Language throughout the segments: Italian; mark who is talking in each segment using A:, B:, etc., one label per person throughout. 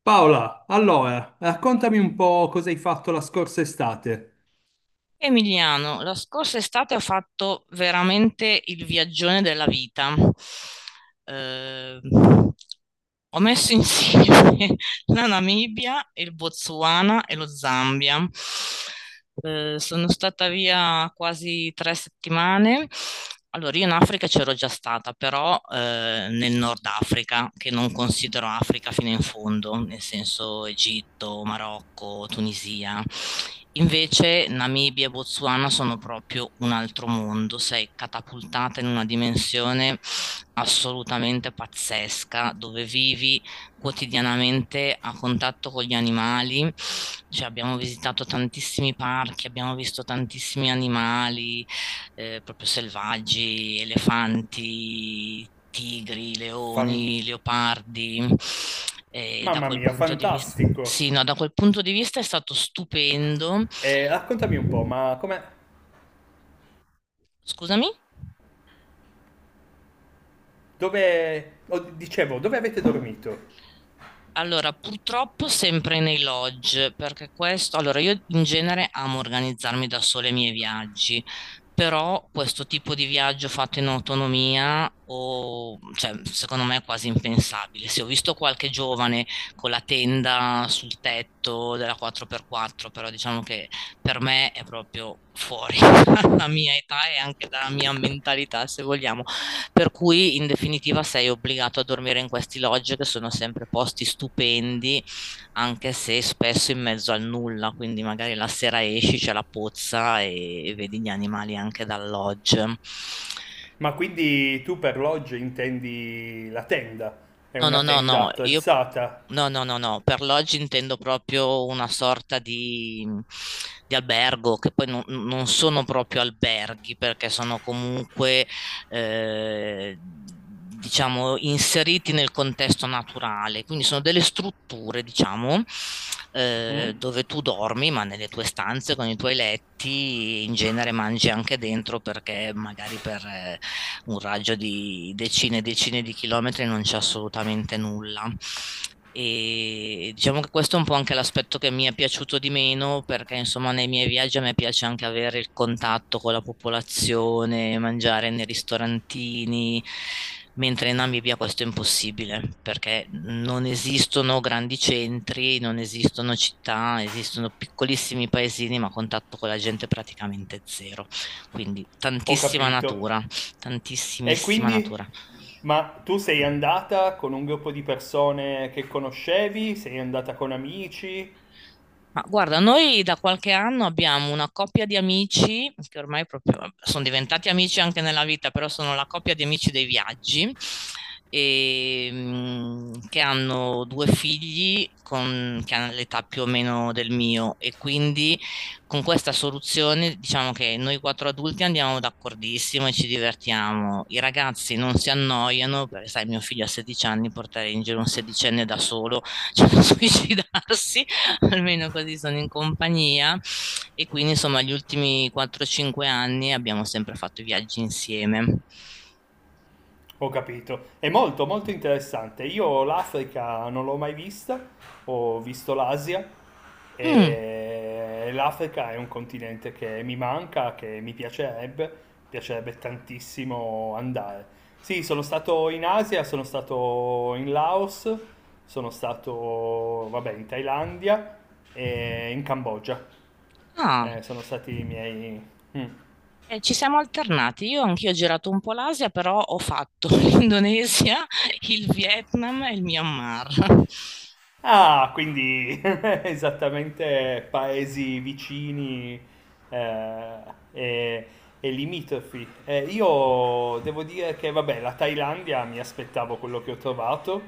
A: Paola, allora, raccontami un po' cosa hai fatto la scorsa estate.
B: Emiliano, la scorsa estate ho fatto veramente il viaggione della vita. Eh, Ho messo insieme la Namibia, il Botswana e lo Zambia. Sono stata via quasi 3 settimane. Allora, io in Africa c'ero già stata, però nel Nord Africa, che non considero Africa fino in fondo, nel senso Egitto, Marocco, Tunisia. Invece Namibia e Botswana sono proprio un altro mondo, sei catapultata in una dimensione assolutamente pazzesca, dove vivi quotidianamente a contatto con gli animali, cioè abbiamo visitato tantissimi parchi, abbiamo visto tantissimi animali proprio selvaggi, elefanti, tigri,
A: Fan-
B: leoni, leopardi. E da
A: Mamma
B: quel
A: mia,
B: punto di vista,
A: fantastico.
B: sì, no, da quel punto di vista è stato stupendo.
A: Raccontami un po', ma come...
B: Scusami?
A: Dove... oh, dicevo, dove avete dormito?
B: Allora, purtroppo sempre nei lodge, perché questo, allora io in genere amo organizzarmi da sola i miei viaggi, però questo tipo di viaggio fatto in autonomia, cioè, secondo me è quasi impensabile. Se ho visto qualche giovane con la tenda sul tetto della 4x4, però diciamo che per me è proprio fuori dalla mia età e anche dalla mia mentalità, se vogliamo per cui in definitiva sei obbligato a dormire in questi lodge che sono sempre posti stupendi, anche se spesso in mezzo al nulla, quindi magari la sera esci, c'è la pozza e vedi gli animali anche dal lodge.
A: Ma quindi tu per lodge intendi la tenda? È
B: No, no,
A: una
B: no,
A: tenda
B: no, io
A: attrezzata?
B: no, no, no, no, per loggi intendo proprio una sorta di albergo, che poi non sono proprio alberghi, perché sono comunque, diciamo, inseriti nel contesto naturale, quindi sono delle strutture, diciamo,
A: Mm?
B: dove tu dormi, ma nelle tue stanze, con i tuoi letti, in genere mangi anche dentro, perché magari un raggio di decine e decine di chilometri non c'è assolutamente nulla. E diciamo che questo è un po' anche l'aspetto che mi è piaciuto di meno, perché insomma nei miei viaggi a me piace anche avere il contatto con la popolazione, mangiare nei ristorantini, mentre in Namibia questo è impossibile, perché non esistono grandi centri, non esistono città, esistono piccolissimi paesini, ma contatto con la gente praticamente zero. Quindi
A: Ho
B: tantissima
A: capito.
B: natura,
A: E
B: tantissimissima
A: quindi...
B: natura.
A: Ma tu sei andata con un gruppo di persone che conoscevi? Sei andata con amici?
B: Ma guarda, noi da qualche anno abbiamo una coppia di amici, che ormai proprio vabbè, sono diventati amici anche nella vita, però sono la coppia di amici dei viaggi, e, che hanno due che hanno l'età più o meno del mio e quindi con questa soluzione diciamo che noi quattro adulti andiamo d'accordissimo e ci divertiamo. I ragazzi non si annoiano, perché sai, mio figlio ha 16 anni, portare in giro un sedicenne da solo, cioè da suicidarsi. Almeno così sono in compagnia e quindi insomma gli ultimi 4-5 anni abbiamo sempre fatto i viaggi insieme.
A: Ho capito, è molto molto interessante. Io l'Africa non l'ho mai vista, ho visto l'Asia
B: Mm,
A: e l'Africa è un continente che mi manca, che mi piacerebbe, piacerebbe tantissimo andare. Sì, sono stato in Asia, sono stato in Laos, sono stato, vabbè, in Thailandia e in Cambogia.
B: ah.
A: Sono stati i miei... Mm.
B: Ci siamo alternati, io anch'io ho girato un po' l'Asia, però ho fatto l'Indonesia, il Vietnam e il Myanmar.
A: Ah, quindi esattamente paesi vicini, eh, e, e limitrofi. Io devo dire che, vabbè, la Thailandia mi aspettavo quello che ho trovato,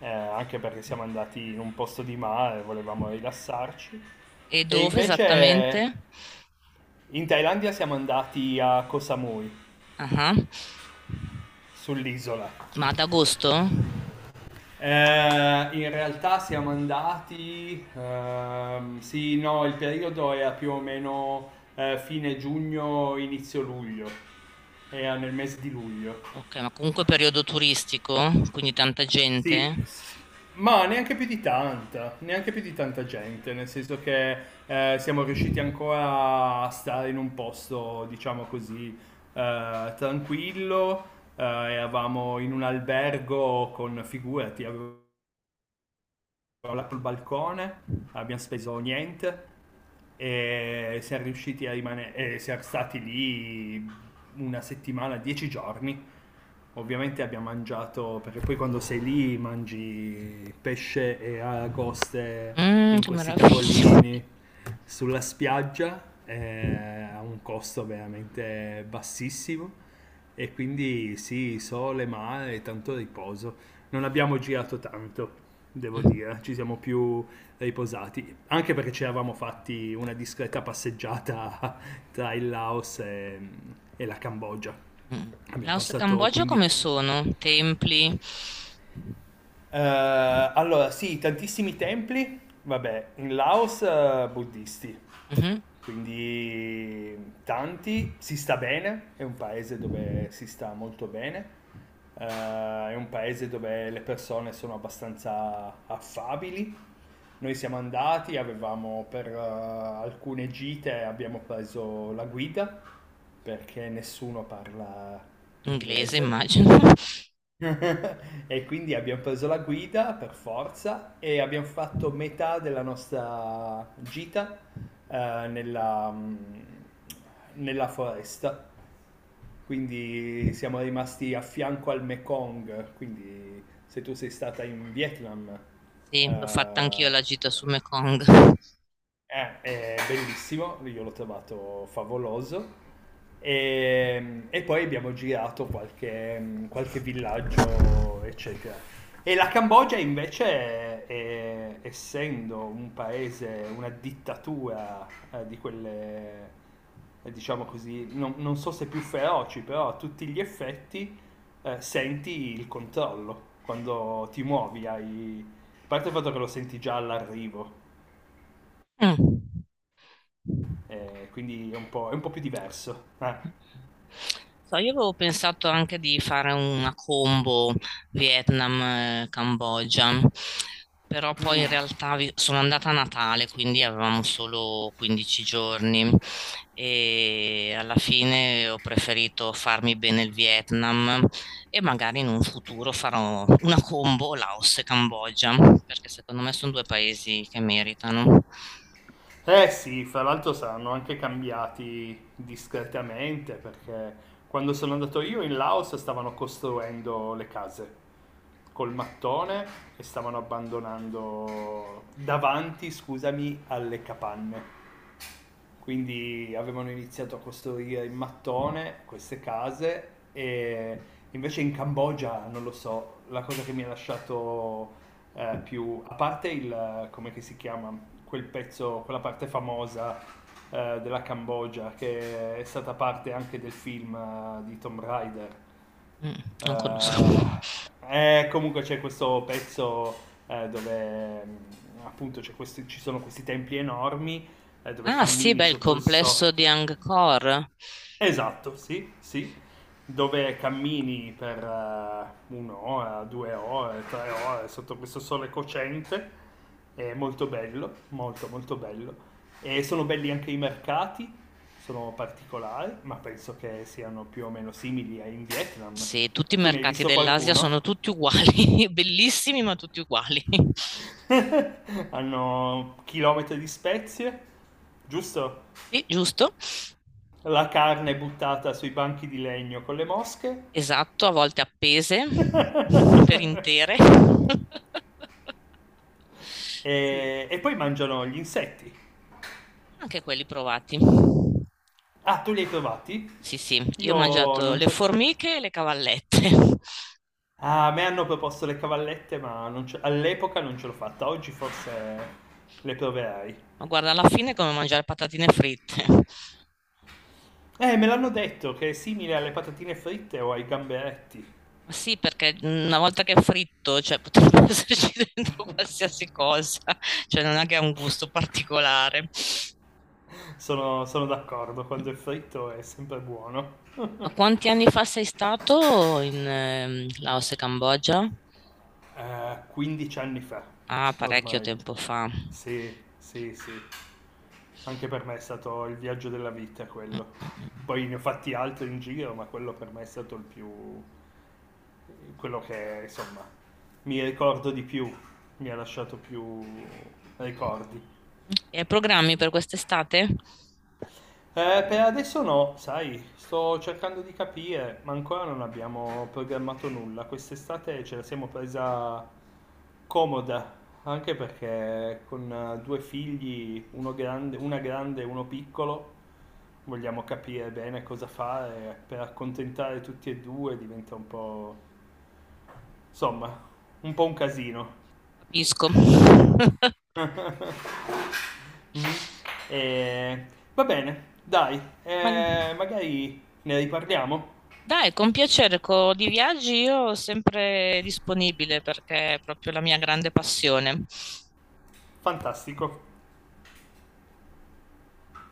A: anche perché siamo andati in un posto di mare, volevamo rilassarci.
B: E
A: E
B: dove
A: invece
B: esattamente?
A: in Thailandia siamo andati a Koh Samui,
B: Ah,
A: sull'isola.
B: ma ad agosto?
A: In realtà siamo andati, sì, no, il periodo era più o meno fine giugno, inizio luglio, era nel mese di luglio.
B: Ok, ma comunque periodo turistico, quindi tanta
A: Sì,
B: gente.
A: s- ma neanche più di tanta, neanche più di tanta gente, nel senso che siamo riusciti ancora a stare in un posto, diciamo così, tranquillo, eravamo in un albergo con, figurati, avevo crollato il balcone, abbiamo speso niente e siamo riusciti a rimanere, e siamo stati lì una settimana, dieci giorni. Ovviamente abbiamo mangiato, perché poi quando sei lì mangi pesce e aragoste
B: Mm,
A: in
B: che
A: questi
B: meraviglia.
A: tavolini sulla spiaggia a un costo veramente bassissimo, e quindi sì, sole, mare, e tanto riposo. Non abbiamo girato tanto, devo
B: Mh,
A: dire, ci siamo più riposati, anche perché ci eravamo fatti una discreta passeggiata tra il Laos e la Cambogia.
B: mh-mh.
A: Abbiamo
B: Laos e
A: passato
B: Cambogia
A: quindi
B: come sono? Templi?
A: eh, allora, sì, tantissimi templi, vabbè, in Laos buddisti,
B: Mh-mh.
A: quindi tanti, si sta bene, è un paese dove si sta molto bene, eh, è un paese dove le persone sono abbastanza affabili. Noi siamo andati, avevamo per alcune gite abbiamo preso la guida perché nessuno parla
B: Inglese
A: inglese.
B: immagino.
A: E quindi abbiam preso la guida per forza e abbiam fatto metà della nostra gita, ehm, nella mhmm, nella foresta. Quindi siamo rimasti a fianco al Mekong, quindi se tu sei stata in Vietnam,
B: Sì, l'ho fatta anch'io
A: eh,
B: la gita su Mekong.
A: è bellissimo, io l'ho trovato favoloso. E poi abbiamo girato qualche, qualche villaggio, eccetera. E la Cambogia invece, è, essendo un paese, una dittatura di quelle, diciamo così, non, non so se più feroci, però a tutti gli effetti senti il controllo quando ti muovi. Hai... A parte il fatto che lo senti già all'arrivo
B: Mh.
A: quindi è un po' più diverso.
B: So, io avevo pensato anche di fare una combo Vietnam-Cambogia, però poi in
A: Mm.
B: realtà sono andata a Natale, quindi avevamo solo 15 giorni e alla fine ho preferito farmi bene il Vietnam e magari in un futuro farò una combo Laos e Cambogia, perché secondo me sono due paesi che meritano.
A: Eh sì, fra l'altro saranno anche cambiati discretamente perché quando sono andato io in Laos stavano costruendo le case col mattone e stavano abbandonando davanti, scusami, alle capanne. Quindi avevano iniziato a costruire in mattone queste case e invece in Cambogia, non lo so, la cosa che mi ha lasciato più, a parte il, come che si chiama, quel pezzo, quella parte famosa della Cambogia che è stata parte anche del film di Tomb Raider.
B: Mm, non conosco.
A: Eh, e comunque c'è questo pezzo dove mm, appunto ci sono questi templi enormi dove
B: Ah sì,
A: cammini
B: beh, il
A: sotto il
B: complesso
A: sole.
B: di Angkor.
A: Esatto, sì, sì. Dove cammini per un'ora, due ore, tre ore sotto questo sole cocente. È molto bello, molto molto bello. E sono belli anche i mercati, sono particolari, ma penso che siano più o meno simili ai in Vietnam.
B: Sì, tutti i
A: Tu ne hai
B: mercati
A: visto
B: dell'Asia sono
A: qualcuno?
B: tutti uguali, bellissimi ma tutti uguali.
A: Hanno chilometri di spezie, giusto?
B: Sì, giusto.
A: La carne buttata sui banchi di legno con le mosche.
B: Esatto, a volte appese per intere. Sì,
A: E, e poi mangiano gli insetti.
B: anche quelli provati.
A: Ah, tu li hai trovati?
B: Sì, sì, io ho
A: Io
B: mangiato
A: non
B: le
A: c'ho...
B: formiche e le cavallette.
A: Ah, a me hanno proposto le cavallette, ma non ce- all'epoca non ce l'ho fatta. Oggi forse le proverai.
B: Ma guarda, alla fine è come mangiare patatine fritte.
A: Me l'hanno detto che è simile alle patatine fritte o ai gamberetti.
B: Ma sì, perché una volta che è fritto, cioè potrebbe esserci dentro qualsiasi cosa, cioè non è che ha un gusto particolare.
A: Sono, sono d'accordo, quando è fritto è sempre buono.
B: Ma quanti anni fa sei stato in Laos e Cambogia?
A: Eh, 15 anni fa,
B: Ah, parecchio
A: ormai.
B: tempo fa.
A: Sì, sì, sì. Anche per me è stato il viaggio della vita
B: Mm,
A: quello.
B: mm, mm.
A: Poi ne ho fatti altri in giro, ma quello per me è stato il più... quello che, insomma, mi ricordo di più, mi ha lasciato più ricordi.
B: E hai programmi per quest'estate?
A: Per adesso no, sai, sto cercando di capire, ma ancora non abbiamo programmato nulla. Quest'estate ce la siamo presa comoda, anche perché con due figli, uno grande, una grande e uno piccolo, vogliamo capire bene cosa fare per accontentare tutti e due, diventa un po', insomma, un po' un casino.
B: Capisco.
A: Mm. Eh, va bene, dai,
B: Ma
A: magari ne riparliamo.
B: dai, con piacere, di viaggi io sempre disponibile perché è proprio la mia grande passione.
A: Fantastico.